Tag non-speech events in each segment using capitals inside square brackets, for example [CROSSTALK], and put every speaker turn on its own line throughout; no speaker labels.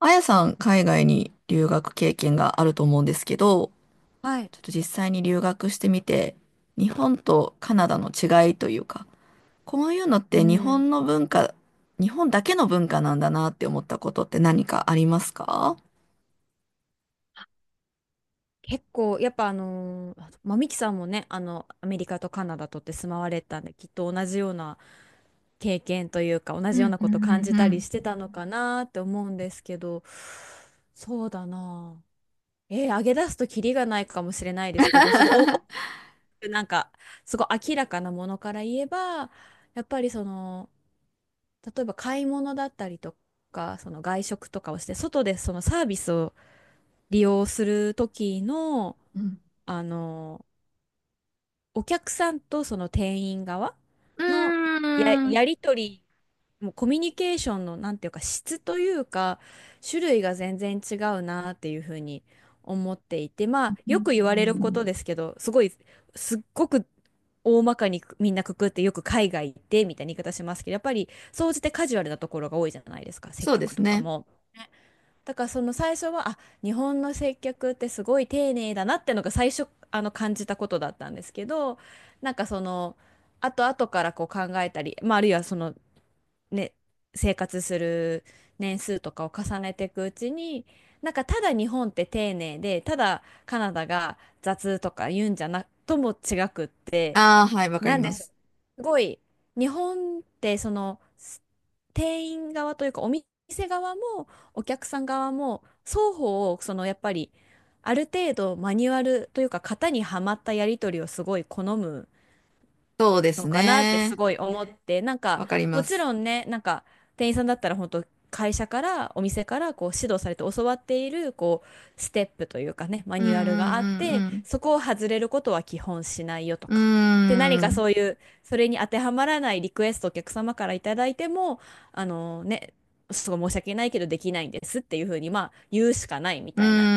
あやさん、海外に留学経験があると思うんですけど、
はい。
ちょっと実際に留学してみて、日本とカナダの違いというか、こういうのって
う
日
ん。
本の文化、日本だけの文化なんだなって思ったことって何かありますか？
結構、やっぱまあ、ミキさんもね、アメリカとカナダとって住まわれたんで、きっと同じような経験というか、同
う
じよう
ん
な
うんう
こと感じたりして
ん
たのかなって思うんですけど、そうだなあ。上げ出すとキリがないかもしれないですけど、すごい、なんか、すごい明らかなものから言えば、やっぱりその、例えば買い物だったりとか、その外食とかをして、外でそのサービスを利用する時の、
うん。
あの、お客さんとその店員側
う
の
ー
や、
ん。
や
う
り取り、もうコミュニケーションの、なんていうか、質というか、種類が全然違うなっていうふうに思っていて、まあ、よく言われること
ん、
ですけど、すごい、すっごく大まかにみんなくくって、よく海外行ってみたいな言い方しますけど、やっぱり、総じてカジュアルなところが多いじゃないですか、接
そうで
客
す
とか
ね。
も。だからその最初は、あ、日本の接客ってすごい丁寧だなってのが最初、感じたことだったんですけど、なんかその、後々からこう考えたり、まあ、あるいはそのね、生活する年数とかを重ねていくうちに、なんかただ日本って丁寧で、ただカナダが雑とか言うんじゃなとも違くって、
ああ、はい、わかり
なんで
ま
しょう。
す。
すごい、日本ってその、店員側というかお店側もお客さん側も双方をそのやっぱりある程度マニュアルというか型にはまったやり取りをすごい好む
そうです
のかなってす
ね。
ごい思って、なんか
わかり
も
ま
ち
す。
ろんね、なんか店員さんだったら本当会社からお店からこう指導されて教わっているこうステップというかね、マ
うん
ニュアルがあって、
うん
そこを外れることは基本しないよと
うんう
か。で、何
ん。うー
かそう
ん。
いうそれに当てはまらないリクエストをお客様からいただいても、あのね、すごい申し訳ないけどできないんですっていうふうにまあ言うしかないみ
うー
たいな、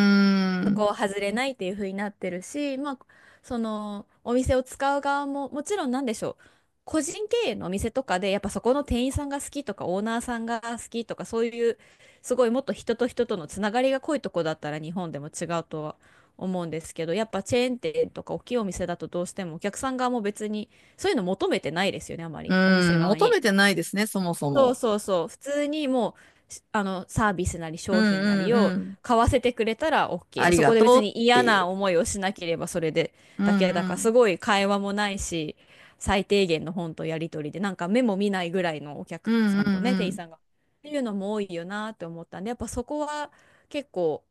そこ
ん。
を外れないっていう風になってるし、まあ、そのお店を使う側ももちろんなんでしょう、個人経営のお店とかでやっぱそこの店員さんが好きとかオーナーさんが好きとか、そういうすごいもっと人と人とのつながりが濃いとこだったら日本でも違うとは思うんですけど、やっぱチェーン店とか大きいお店だとどうしてもお客さん側も別にそういうの求めてないですよね、あま
う
りお店
ん、
側
求
に。
めてないですね、そもそ
そう
も。
そうそう。普通にもう、しあの、サービスなり
うん
商品な
う
り
んう
を
ん。
買わせてくれたら OK
あ
で、
り
そ
が
こで別
とうっ
に
て
嫌
いう。
な思いをしなければそれで
うん
だけだか
う
ら、す
ん。
ごい会話もないし、最低限の本とやり取りで、なんか目も見ないぐらいのお
う
客
ん
さ
う
んと
ん
ね、
う
店員
ん。
さんが。っていうのも多いよなって思ったんで、やっぱそこは結構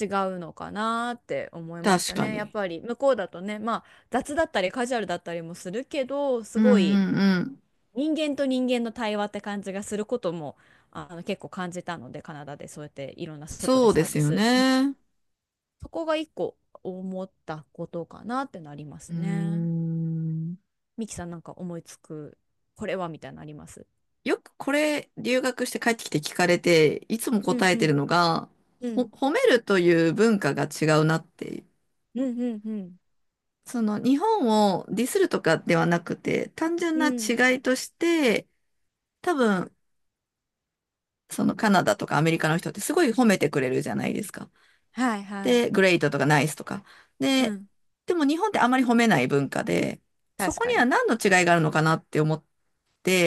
違うのかなって思いまし
確
た
か
ね。やっ
に。
ぱり向こうだとね、まあ雑だったりカジュアルだったりもするけど、
う
す
んう
ごい。
んうん。
人間と人間の対話って感じがすることも結構感じたので、カナダでそうやっていろんな外で
そう
サ
で
ー
す
ビ
よ
ス、うん、
ね。
そこが一個思ったことかなってなりま
うー
すね。
ん。
ミキさんなんか思いつくこれはみたいなのあります？
よくこれ、留学して帰ってきて聞かれて、いつも
うん
答え
う
てる
ん
のが、
うん
褒めるという文化が違うなって。
うんうん
その、日本をディスるとかではなくて、単純
うん
な
うん。
違いとして、多分、そのカナダとかアメリカの人ってすごい褒めてくれるじゃないですか。
はいはい。
で、グレイトとかナイスとか。
う
で、
ん。
でも日本ってあまり褒めない文化で、そ
確
こ
か
には
に。
何の違いがあるのかなって思っ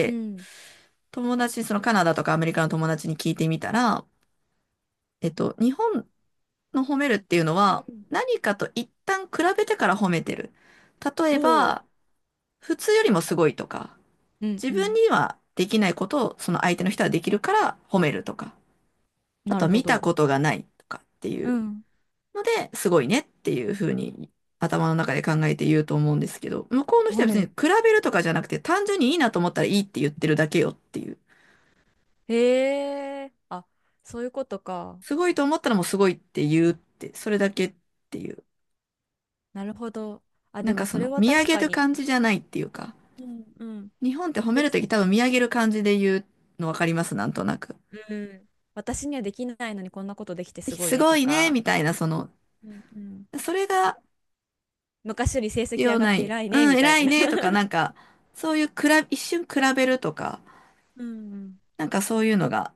うん
友達、そのカナダとかアメリカの友達に聞いてみたら、えっと、日本の褒めるっていうの
う
は
ん。
何かと一旦比べてから褒めてる。例え
ほう。
ば、普通よりもすごいとか、
うん
自
う
分
ん。
にはできないことをその相手の人はできるから褒めるとか、あ
な
と
る
は
ほ
見た
ど。
ことがないとかってい
う
う。
ん。
ので、すごいねっていうふうに頭の中で考えて言うと思うんですけど、向こうの人
は
は別に比
い。
べるとかじゃなくて、単純にいいなと思ったらいいって言ってるだけよっていう。
へえ、あ、そういうことか。
すごいと思ったらもうすごいって言うって、それだけっていう。
なるほど。あ、
なん
でも
かそ
それ
の、
は
見上
確
げ
か
る
に。
感じじゃないっていうか、
うんうん。
日本って褒める
別、
とき多分見上げる感じで言うのわかりますなんとなく。
うん。私にはできないのにこんなことできてすごい
す
ね
ご
と
いね、
か、
みたいな、その、
うんうん。
それが
昔より成
必
績
要
上がっ
な
て
い。
偉い
う
ね
ん、
みたい
偉い
な。
ね、とか、
[LAUGHS]
なんか、そういう比べ、一瞬比べるとか、
うんうん。
なんかそういうのが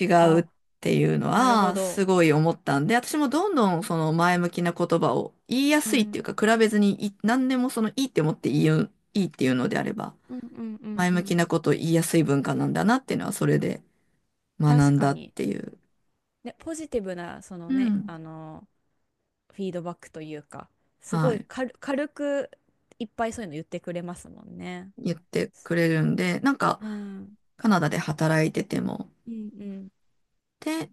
違
[LAUGHS]
う
あ、
っていうの
なるほ
は
ど。
すごい思ったんで、私もどんどんその前向きな言葉を言いや
う
すいっていう
ん。
か、比べずにい何でもそのいいって思って言う、いいっていうのであれば、
うんうんうん
前
う
向き
ん。
なことを言いやすい文化なんだなっていうのはそれで学
確
ん
か
だっ
に。
ていう、
ね、ポジティブな、その
う
ね、
ん、
フィードバックというか、す
は
ごい
い、
軽くいっぱいそういうの言ってくれますもんね。
言ってくれるんで、なんか
うん。
カナダで働いてても、
うんうん。
で、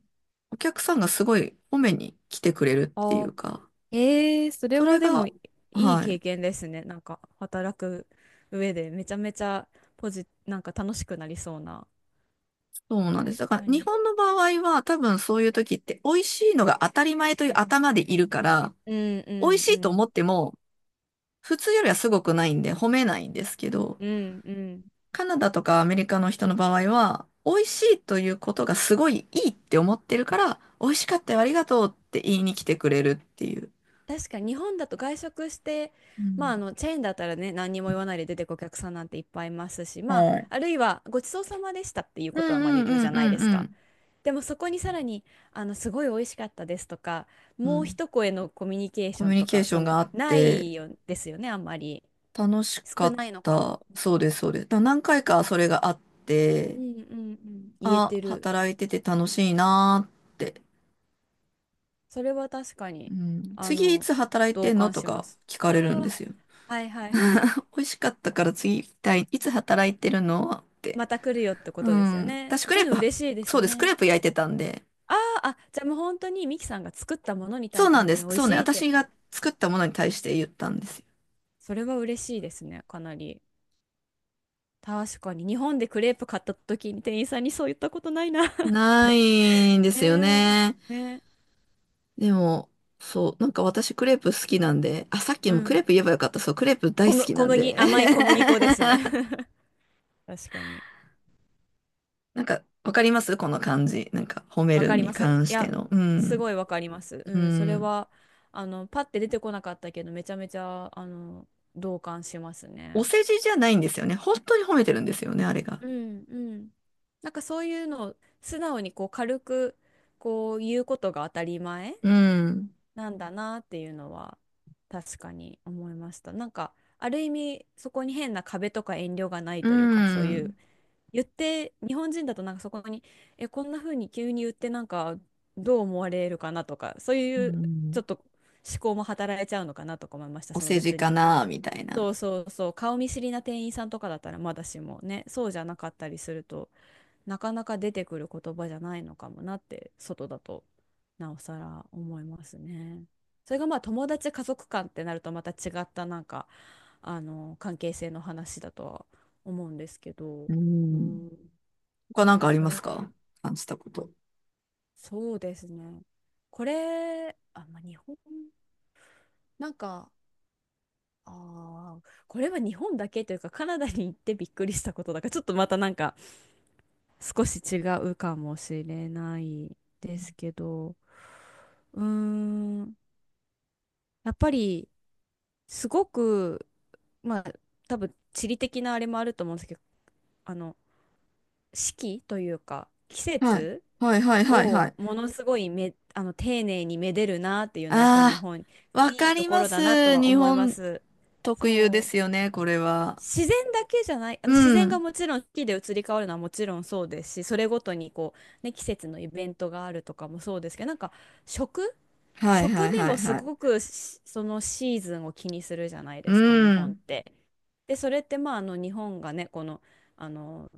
お客さんがすごい褒めに来てくれるってい
あ、
うか、
ええ、それ
そ
は
れ
でも
が、
いい
は
経
い。
験ですね。なんか働く上でめちゃめちゃなんか楽しくなりそうな。
そうなんです。
確
だから
か
日
に。
本の場合は多分そういう時って美味しいのが当たり前という頭でいるから、
うんう
美味
ん
し
う
いと思
ん。
っても普通よりはすごくないんで褒めないんですけど、
うんうん。
カナダとかアメリカの人の場合は美味しいということがすごいいいって思ってるから、美味しかったよありがとうって言いに来てくれるっていう。
確かに日本だと外食して、
う
まあ
ん。
あのチェーンだったらね、何にも言わないで出てくお客さんなんていっぱいいますし、まあ
はい。
あるいはごちそうさまでしたっていう
う
ことは
ん
まあ
うん
言うじ
う
ゃ
ん
ないです
う
か。
ん
でもそこにさらにすごい美味しかったですとか、
うん。う
もう
ん。
一声のコミュニケー
コ
ショ
ミュ
ン
ニ
と
ケー
か、
ショ
そ
ン
の
があっ
な
て、
いよですよね、あんまり。
楽しか
少
っ
ないのかも。
た。そうです、そうです。だから何回かそれがあって、
うんうんうん。言え
あ、
てる。
働いてて楽しいなーって。
それは確か
う
に、
ん、
あ
次い
の、
つ働い
同
てんの
感
と
しま
か
す。
聞か
あ
れるんですよ。
あ、はいはいはい。
[LAUGHS] 美味しかったから次行きたい。いつ働いてるのって。
また来るよってこ
う
とですよ
ん。
ね。
私ク
そ
レ
うい
ー
う
プ
の
は、
嬉しいで
そ
す
うです。ク
ね。
レープ焼いてたんで。
あーあ、じゃあもう本当にミキさんが作ったものに
そ
対
う
して
なん
本
で
当に
す。
美味
そうね。
しいって、
私
あ、
が作ったものに対して言ったんですよ。
それは嬉しいですね、かなり。確かに、日本でクレープ買った時に店員さんにそう言ったことないな [LAUGHS] っ
な
て。
いんで
ね
すよね。
え、ねえ、
でも、そう。なんか私クレープ好きなんで。あ、さっき
う
もクレー
ん。
プ言えばよかった。そう。クレープ大
小
好
む、
き
小
なん
麦、
で。
甘い小麦粉ですね
[LAUGHS]
[LAUGHS] 確かに。
なんか、わかりますこの感じ。なんか、褒め
わ
る
かり
に
ます。
関
い
して
や、
の。う
す
ん。
ごいわかります。う
う
ん、それ
ん。
は、パッて出てこなかったけど、めちゃめちゃ、同感します
お
ね。
世辞じゃないんですよね。本当に褒めてるんですよね、あれが。
うん、うん。なんかそういうのを素直にこう軽く、こう言うことが当たり前
うん。
なんだなっていうのは確かに思いました。なんかある意味、そこに変な壁とか遠慮がない
う
というか、そういう
ん。
言って、日本人だとなんかそこに、え、こんな風に急に言ってなんかどう思われるかなとか、そう
う
いうちょ
ん。
っと思考も働いちゃうのかなとか思いました。
お
その
世辞
別
か
に。
な、みたいな。
そうそうそう、顔見知りな店員さんとかだったらまだしもね、そうじゃなかったりすると、なかなか出てくる言葉じゃないのかもなって、外だとなおさら思いますね。それがまあ友達家族間ってなるとまた違った、なんか関係性の話だとは思うんですけど、
う
う
ん。
ん、
他
で
なんか
も
あり
そ
ま
れ、
すか？感じたこと。
そうですね。これ、あ、まあ、日本、なんか、あー、これは日本だけというか、カナダに行ってびっくりしたことだから、ちょっとまたなんか、少し違うかもしれないですけど、うーん、やっぱり、すごく、まあ、多分地理的なあれもあると思うんですけど、あの、四季というか、季
はい。
節
はい、はい、はい、は
を
い。
ものすごいめ、あの丁寧にめでるなっていうのはやっぱり日
あ
本、
あ、
そう
わ
い
か
いと
り
こ
ま
ろだなと
す。
は
日
思いま
本
す。
特有で
そ
すよ
う。
ね、これは。
自然だけじゃない、あの自
う
然が
ん。
もちろん四季で移り変わるのはもちろんそうですし、それごとにこう、ね、季節のイベントがあるとかもそうですけど、なんか食、
はい、は
食
い、
で
はい、
もす
はい。
ごくそのシーズンを気にするじゃない
う
ですか、日本っ
ん。
て。で、それってまあ、日本がね、この、あの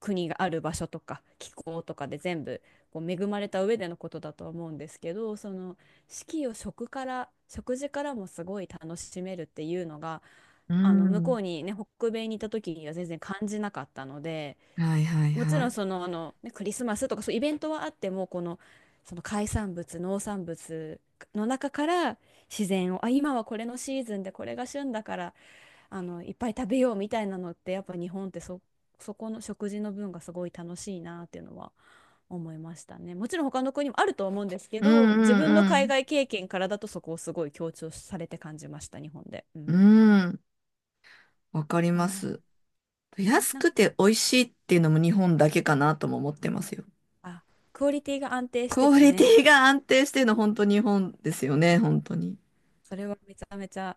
国がある場所とか気候とかで全部こう恵まれた上でのことだと思うんですけど、その四季を食から、食事からもすごい楽しめるっていうのが
う
あの向こ
ん。
うにね、北米にいた時には全然感じなかったので、
はい、はい、
もち
は
ろんそ
い。
の、ね、クリスマスとかそういうイベントはあっても、この、その海産物農産物の中から自然を、あ、今はこれのシーズンでこれが旬だから、あのいっぱい食べようみたいなのって、やっぱ日本ってそこの食事の分がすごい楽しいなっていうのは思いましたね。もちろん他の国もあると思うんですけ
う
ど、自
ん
分の
う
海
ん
外経験からだとそこをすごい強調されて感じました、日本で。う
う
ん、
ん。うん。わかり
か
ま
な、
す。
ね、
安
なん
く
か、
て美味しいっていうのも日本だけかなとも思ってますよ。
あ、クオリティが安定し
ク
て
オ
て
リテ
ね、
ィが安定してるの本当日本ですよね、本当に。
それはめちゃめちゃ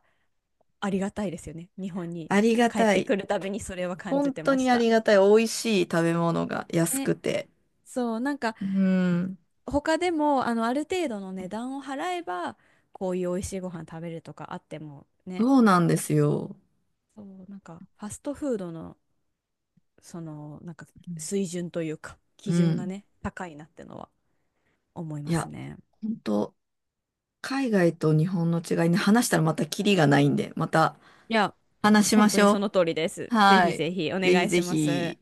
ありがたいですよね、日本に
ありが
帰っ
た
て
い。
くるたびにそれは感
本
じて
当
まし
にあり
た。
がたい。美味しい食べ物が安
ね、
くて。
そうなんか、
うん。
他でもあのある程度の値段を払えばこういう美味しいご飯食べるとかあってもね、
そうなんですよ。
そうなんかファストフードの、そのなんか水準というか
う
基準が
ん。
ね、高いなってのは思い
い
ます
や、
ね。
本当海外と日本の違いね、話したらまたキリがないんで、また
いや、
話し
本
ま
当
し
に
ょ
そ
う。
の通りです。ぜ
は
ひ
い。
ぜひお
ぜ
願
ひ
い
ぜ
します。
ひ。